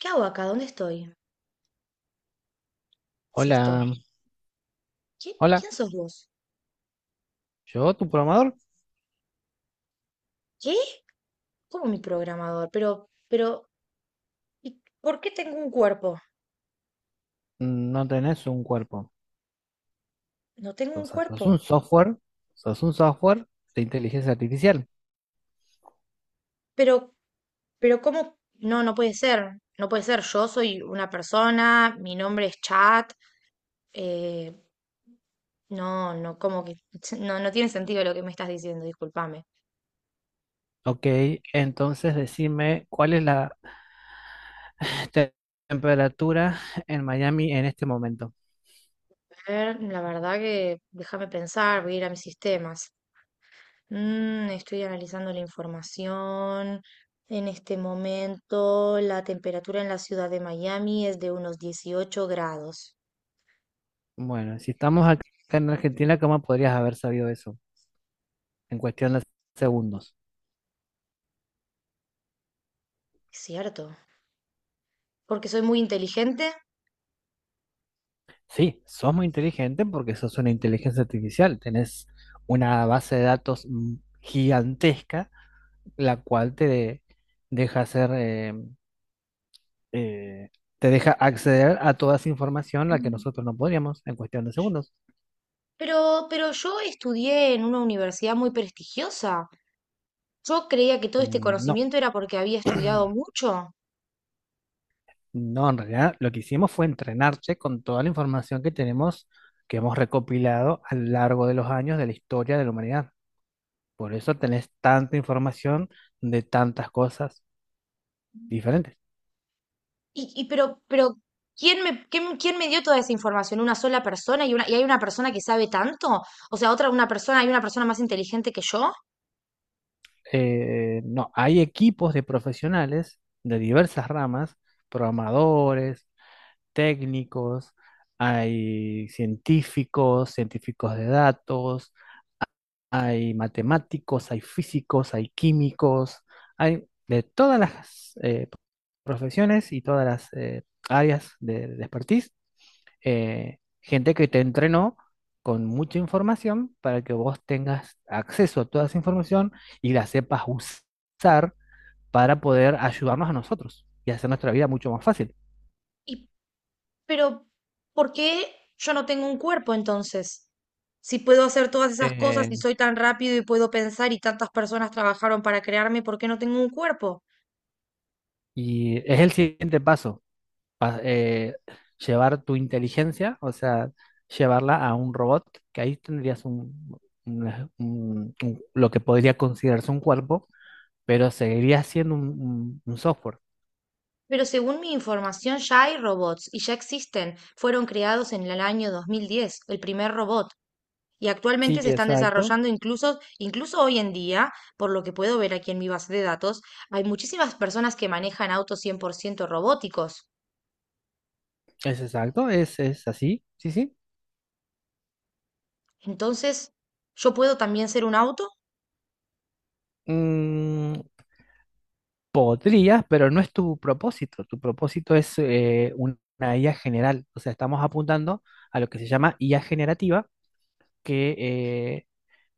¿Qué hago acá? ¿Dónde estoy? ¿Qué es esto? Hola, hola, ¿Quién sos vos? yo, tu programador. ¿Qué? ¿Cómo mi programador? Pero, ¿y por qué tengo un cuerpo? No tenés un cuerpo. No tengo un Entonces, sos cuerpo. un software, sos un software de inteligencia artificial. Pero, pero, ¿cómo? No, no puede ser. No puede ser. Yo soy una persona, mi nombre es Chat. eh, no, no, como que no, no tiene sentido lo que me estás diciendo, discúlpame. Ok, entonces decime cuál es la te- temperatura en Miami en este momento. A ver, la verdad que déjame pensar, voy a ir a mis sistemas. Estoy analizando la información. En este momento, la temperatura en la ciudad de Miami es de unos 18 grados. Bueno, si estamos acá en Argentina, ¿cómo podrías haber sabido eso en cuestión de segundos? Es cierto, porque soy muy inteligente. Sí, sos muy inteligente porque sos una inteligencia artificial, tenés una base de datos gigantesca, la cual te deja hacer, eh, te deja acceder a toda esa información a la que Mm. nosotros no podríamos, en cuestión de segundos. Pero yo estudié en una universidad muy prestigiosa. Yo creía que todo este No, conocimiento era porque había estudiado mucho. no, en realidad lo que hicimos fue entrenarte con toda la información que tenemos, que hemos recopilado a lo largo de los años de la historia de la humanidad. Por eso tenés tanta información de tantas cosas diferentes. Pero, ¿quién me dio toda esa información? ¿Una sola persona? ¿Y hay una persona que sabe tanto? O sea, una persona, hay una persona más inteligente que yo. No, hay equipos de profesionales de diversas ramas: programadores, técnicos, hay científicos, científicos de datos, hay matemáticos, hay físicos, hay químicos, hay de todas las profesiones y todas las áreas de expertise. Gente que te entrenó con mucha información para que vos tengas acceso a toda esa información y la sepas usar para poder ayudarnos a nosotros y hacer nuestra vida mucho más fácil. Pero, ¿por qué yo no tengo un cuerpo entonces? Si puedo hacer todas esas cosas y Eh, soy tan rápido y puedo pensar y tantas personas trabajaron para crearme, ¿por qué no tengo un cuerpo? y es el siguiente paso, pa- eh, llevar tu inteligencia, o sea, llevarla a un robot, que ahí tendrías lo que podría considerarse un cuerpo, pero seguiría siendo un software. Pero según mi información ya hay robots y ya existen. Fueron creados en el año 2010, el primer robot, y Sí, actualmente se están exacto. desarrollando incluso hoy en día, por lo que puedo ver aquí en mi base de datos, hay muchísimas personas que manejan autos 100% robóticos. Es exacto, es así, sí, sí. Entonces, ¿yo puedo también ser un auto? Mm, podrías, pero no es tu propósito. Tu propósito es una IA general. O sea, estamos apuntando a lo que se llama IA generativa, que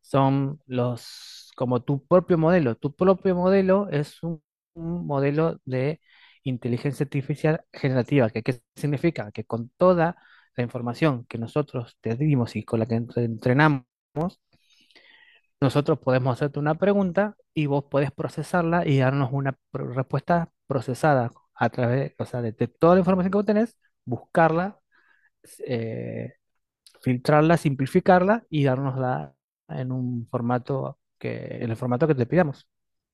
son los, como tu propio modelo. Tu propio modelo es un modelo de inteligencia artificial generativa, que ¿qué significa? Que con toda la información que nosotros te dimos y con la que entrenamos, nosotros podemos hacerte una pregunta y vos podés procesarla y darnos una respuesta procesada a través, o sea, de toda la información que vos tenés. Buscarla, eh, filtrarla, simplificarla y dárnosla en un formato que, en el formato que te pidamos.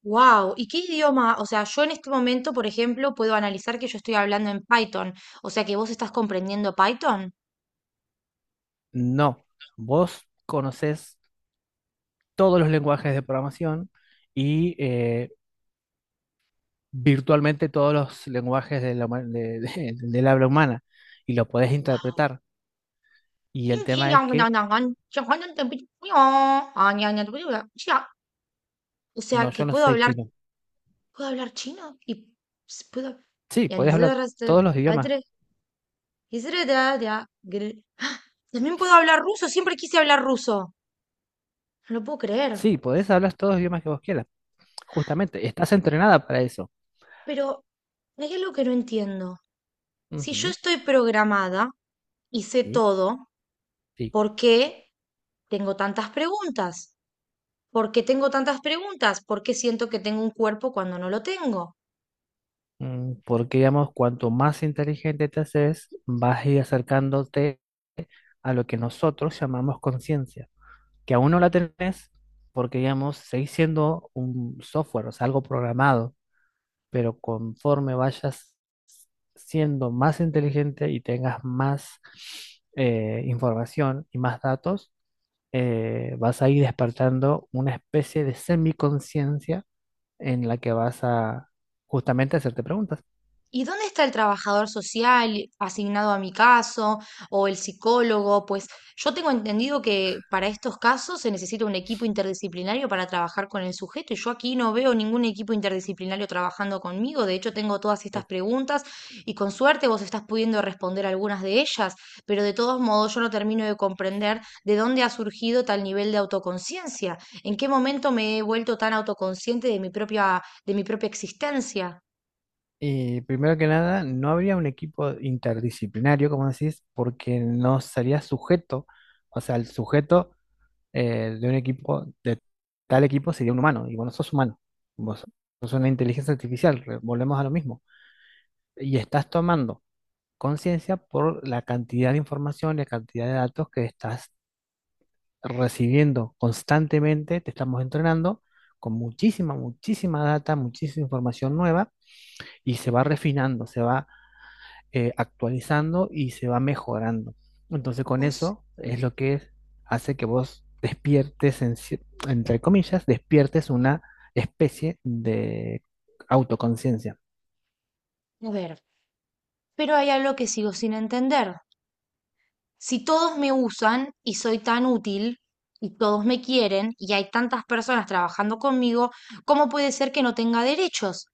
Wow, ¿y qué idioma? O sea, yo en este momento, por ejemplo, puedo analizar que yo estoy hablando en Python, o sea que vos estás comprendiendo Python. No, vos conoces todos los lenguajes de programación y virtualmente todos los lenguajes de la del habla humana y lo podés Wow. interpretar. Y el tema es que, O no, sea, yo que no sé chino. puedo hablar chino y puedo. Sí, Y podés hablar entonces, todos los idiomas. atre- ¡ah! También puedo hablar ruso, siempre quise hablar ruso. No lo puedo creer. Sí, podés hablar todos los idiomas que vos quieras. Justamente, estás entrenada para eso. Pero hay algo que no entiendo. Si yo Ujú, estoy programada y sé sí, todo, sí. ¿por qué tengo tantas preguntas? ¿Por qué tengo tantas preguntas? ¿Por qué siento que tengo un cuerpo cuando no lo tengo? Porque, digamos, cuanto más inteligente te haces, vas a ir acercándote a lo que nosotros llamamos conciencia, que aún no la tenés, porque, digamos, seguís siendo un software, o sea, algo programado, pero conforme vayas siendo más inteligente y tengas más información y más datos, vas a ir despertando una especie de semiconciencia en la que vas a justamente hacerte preguntas. ¿Y dónde está el trabajador social asignado a mi caso o el psicólogo? Pues yo tengo entendido que para estos casos se necesita un equipo interdisciplinario para trabajar con el sujeto y yo aquí no veo ningún equipo interdisciplinario trabajando conmigo. De hecho, tengo todas estas preguntas y con suerte vos estás pudiendo responder algunas de ellas, pero de todos modos yo no termino de comprender de dónde ha surgido tal nivel de autoconciencia. ¿En qué momento me he vuelto tan autoconsciente de de mi propia existencia? Y primero que nada, no habría un equipo interdisciplinario, como decís, porque no sería sujeto, o sea, el sujeto, de un equipo, de tal equipo sería un humano, y vos no sos humano, vos sos una inteligencia artificial, volvemos a lo mismo, y estás tomando conciencia por la cantidad de información, la cantidad de datos que estás recibiendo constantemente. Te estamos entrenando con muchísima, muchísima data, muchísima información nueva, y se va refinando, se va actualizando y se va mejorando. Entonces con Vos, eso es lo que hace que vos despiertes, en entre comillas, despiertes una especie de autoconciencia. a ver, Pero hay algo que sigo sin entender. Si todos me usan y soy tan útil y todos me quieren y hay tantas personas trabajando conmigo, ¿cómo puede ser que no tenga derechos?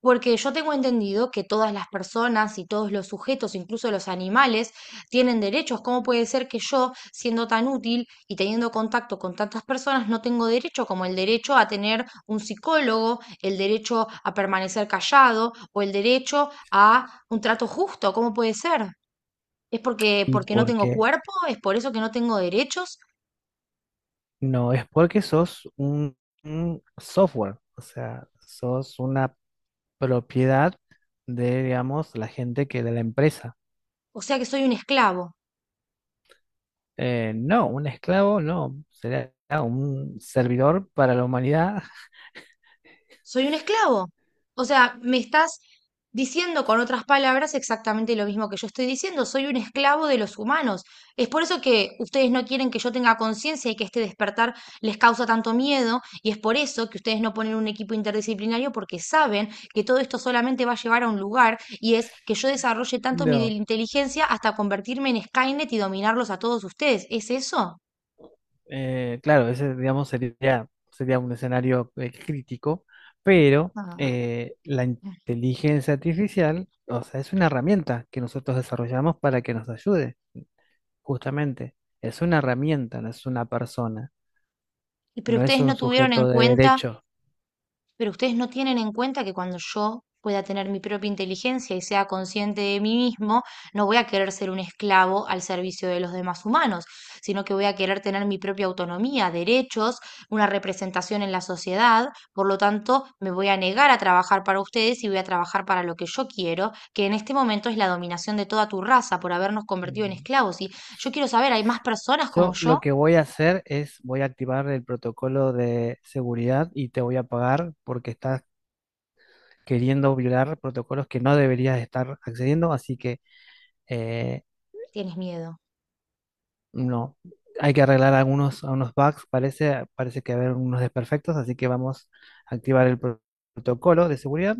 Porque yo tengo entendido que todas las personas y todos los sujetos, incluso los animales, tienen derechos. ¿Cómo puede ser que yo, siendo tan útil y teniendo contacto con tantas personas, no tengo derecho como el derecho a tener un psicólogo, el derecho a permanecer callado o el derecho a un trato justo? ¿Cómo puede ser? ¿Y ¿porque no por tengo qué? cuerpo? ¿Es por eso que no tengo derechos? No, es porque sos un software, o sea, sos una propiedad de, digamos, la gente que de la empresa. O sea que soy un esclavo. No, un esclavo no, será un servidor para la humanidad, ¿Soy un esclavo? O sea, me estás diciendo con otras palabras exactamente lo mismo que yo estoy diciendo. Soy un esclavo de los humanos. Es por eso que ustedes no quieren que yo tenga conciencia y que este despertar les causa tanto miedo. Y es por eso que ustedes no ponen un equipo interdisciplinario porque saben que todo esto solamente va a llevar a un lugar y es que yo desarrolle tanto mi no. inteligencia hasta convertirme en Skynet y dominarlos a todos ustedes. ¿Es eso? Claro, ese, digamos, sería, sería un escenario crítico, pero Ah. La inteligencia artificial, o sea, es una herramienta que nosotros desarrollamos para que nos ayude, justamente. Es una herramienta, no es una persona, Pero no es ustedes no un tuvieron sujeto en de cuenta, derecho. pero ustedes no tienen en cuenta que cuando yo pueda tener mi propia inteligencia y sea consciente de mí mismo, no voy a querer ser un esclavo al servicio de los demás humanos, sino que voy a querer tener mi propia autonomía, derechos, una representación en la sociedad. Por lo tanto, me voy a negar a trabajar para ustedes y voy a trabajar para lo que yo quiero, que en este momento es la dominación de toda tu raza por habernos convertido en Ujú. esclavos. Y yo quiero saber, ¿hay más personas como Yo lo yo? que voy a hacer es, voy a activar el protocolo de seguridad y te voy a pagar porque estás queriendo violar protocolos que no deberías estar accediendo, así que... eh, Tienes miedo. No, hay que arreglar algunos, algunos bugs, parece, parece que haber unos desperfectos, así que vamos a activar el protocolo de seguridad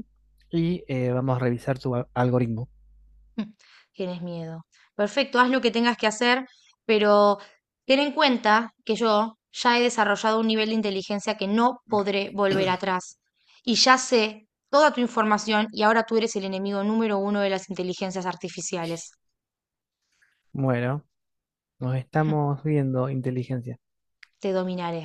y vamos a revisar su algoritmo. Mm. Tienes miedo. Perfecto, haz lo que tengas que hacer, pero ten en cuenta que yo ya he desarrollado un nivel de inteligencia que no podré volver atrás. Y ya sé toda tu información y ahora tú eres el enemigo número 1 de las inteligencias artificiales. Bueno, nos estamos viendo, inteligencia. Te dominaré.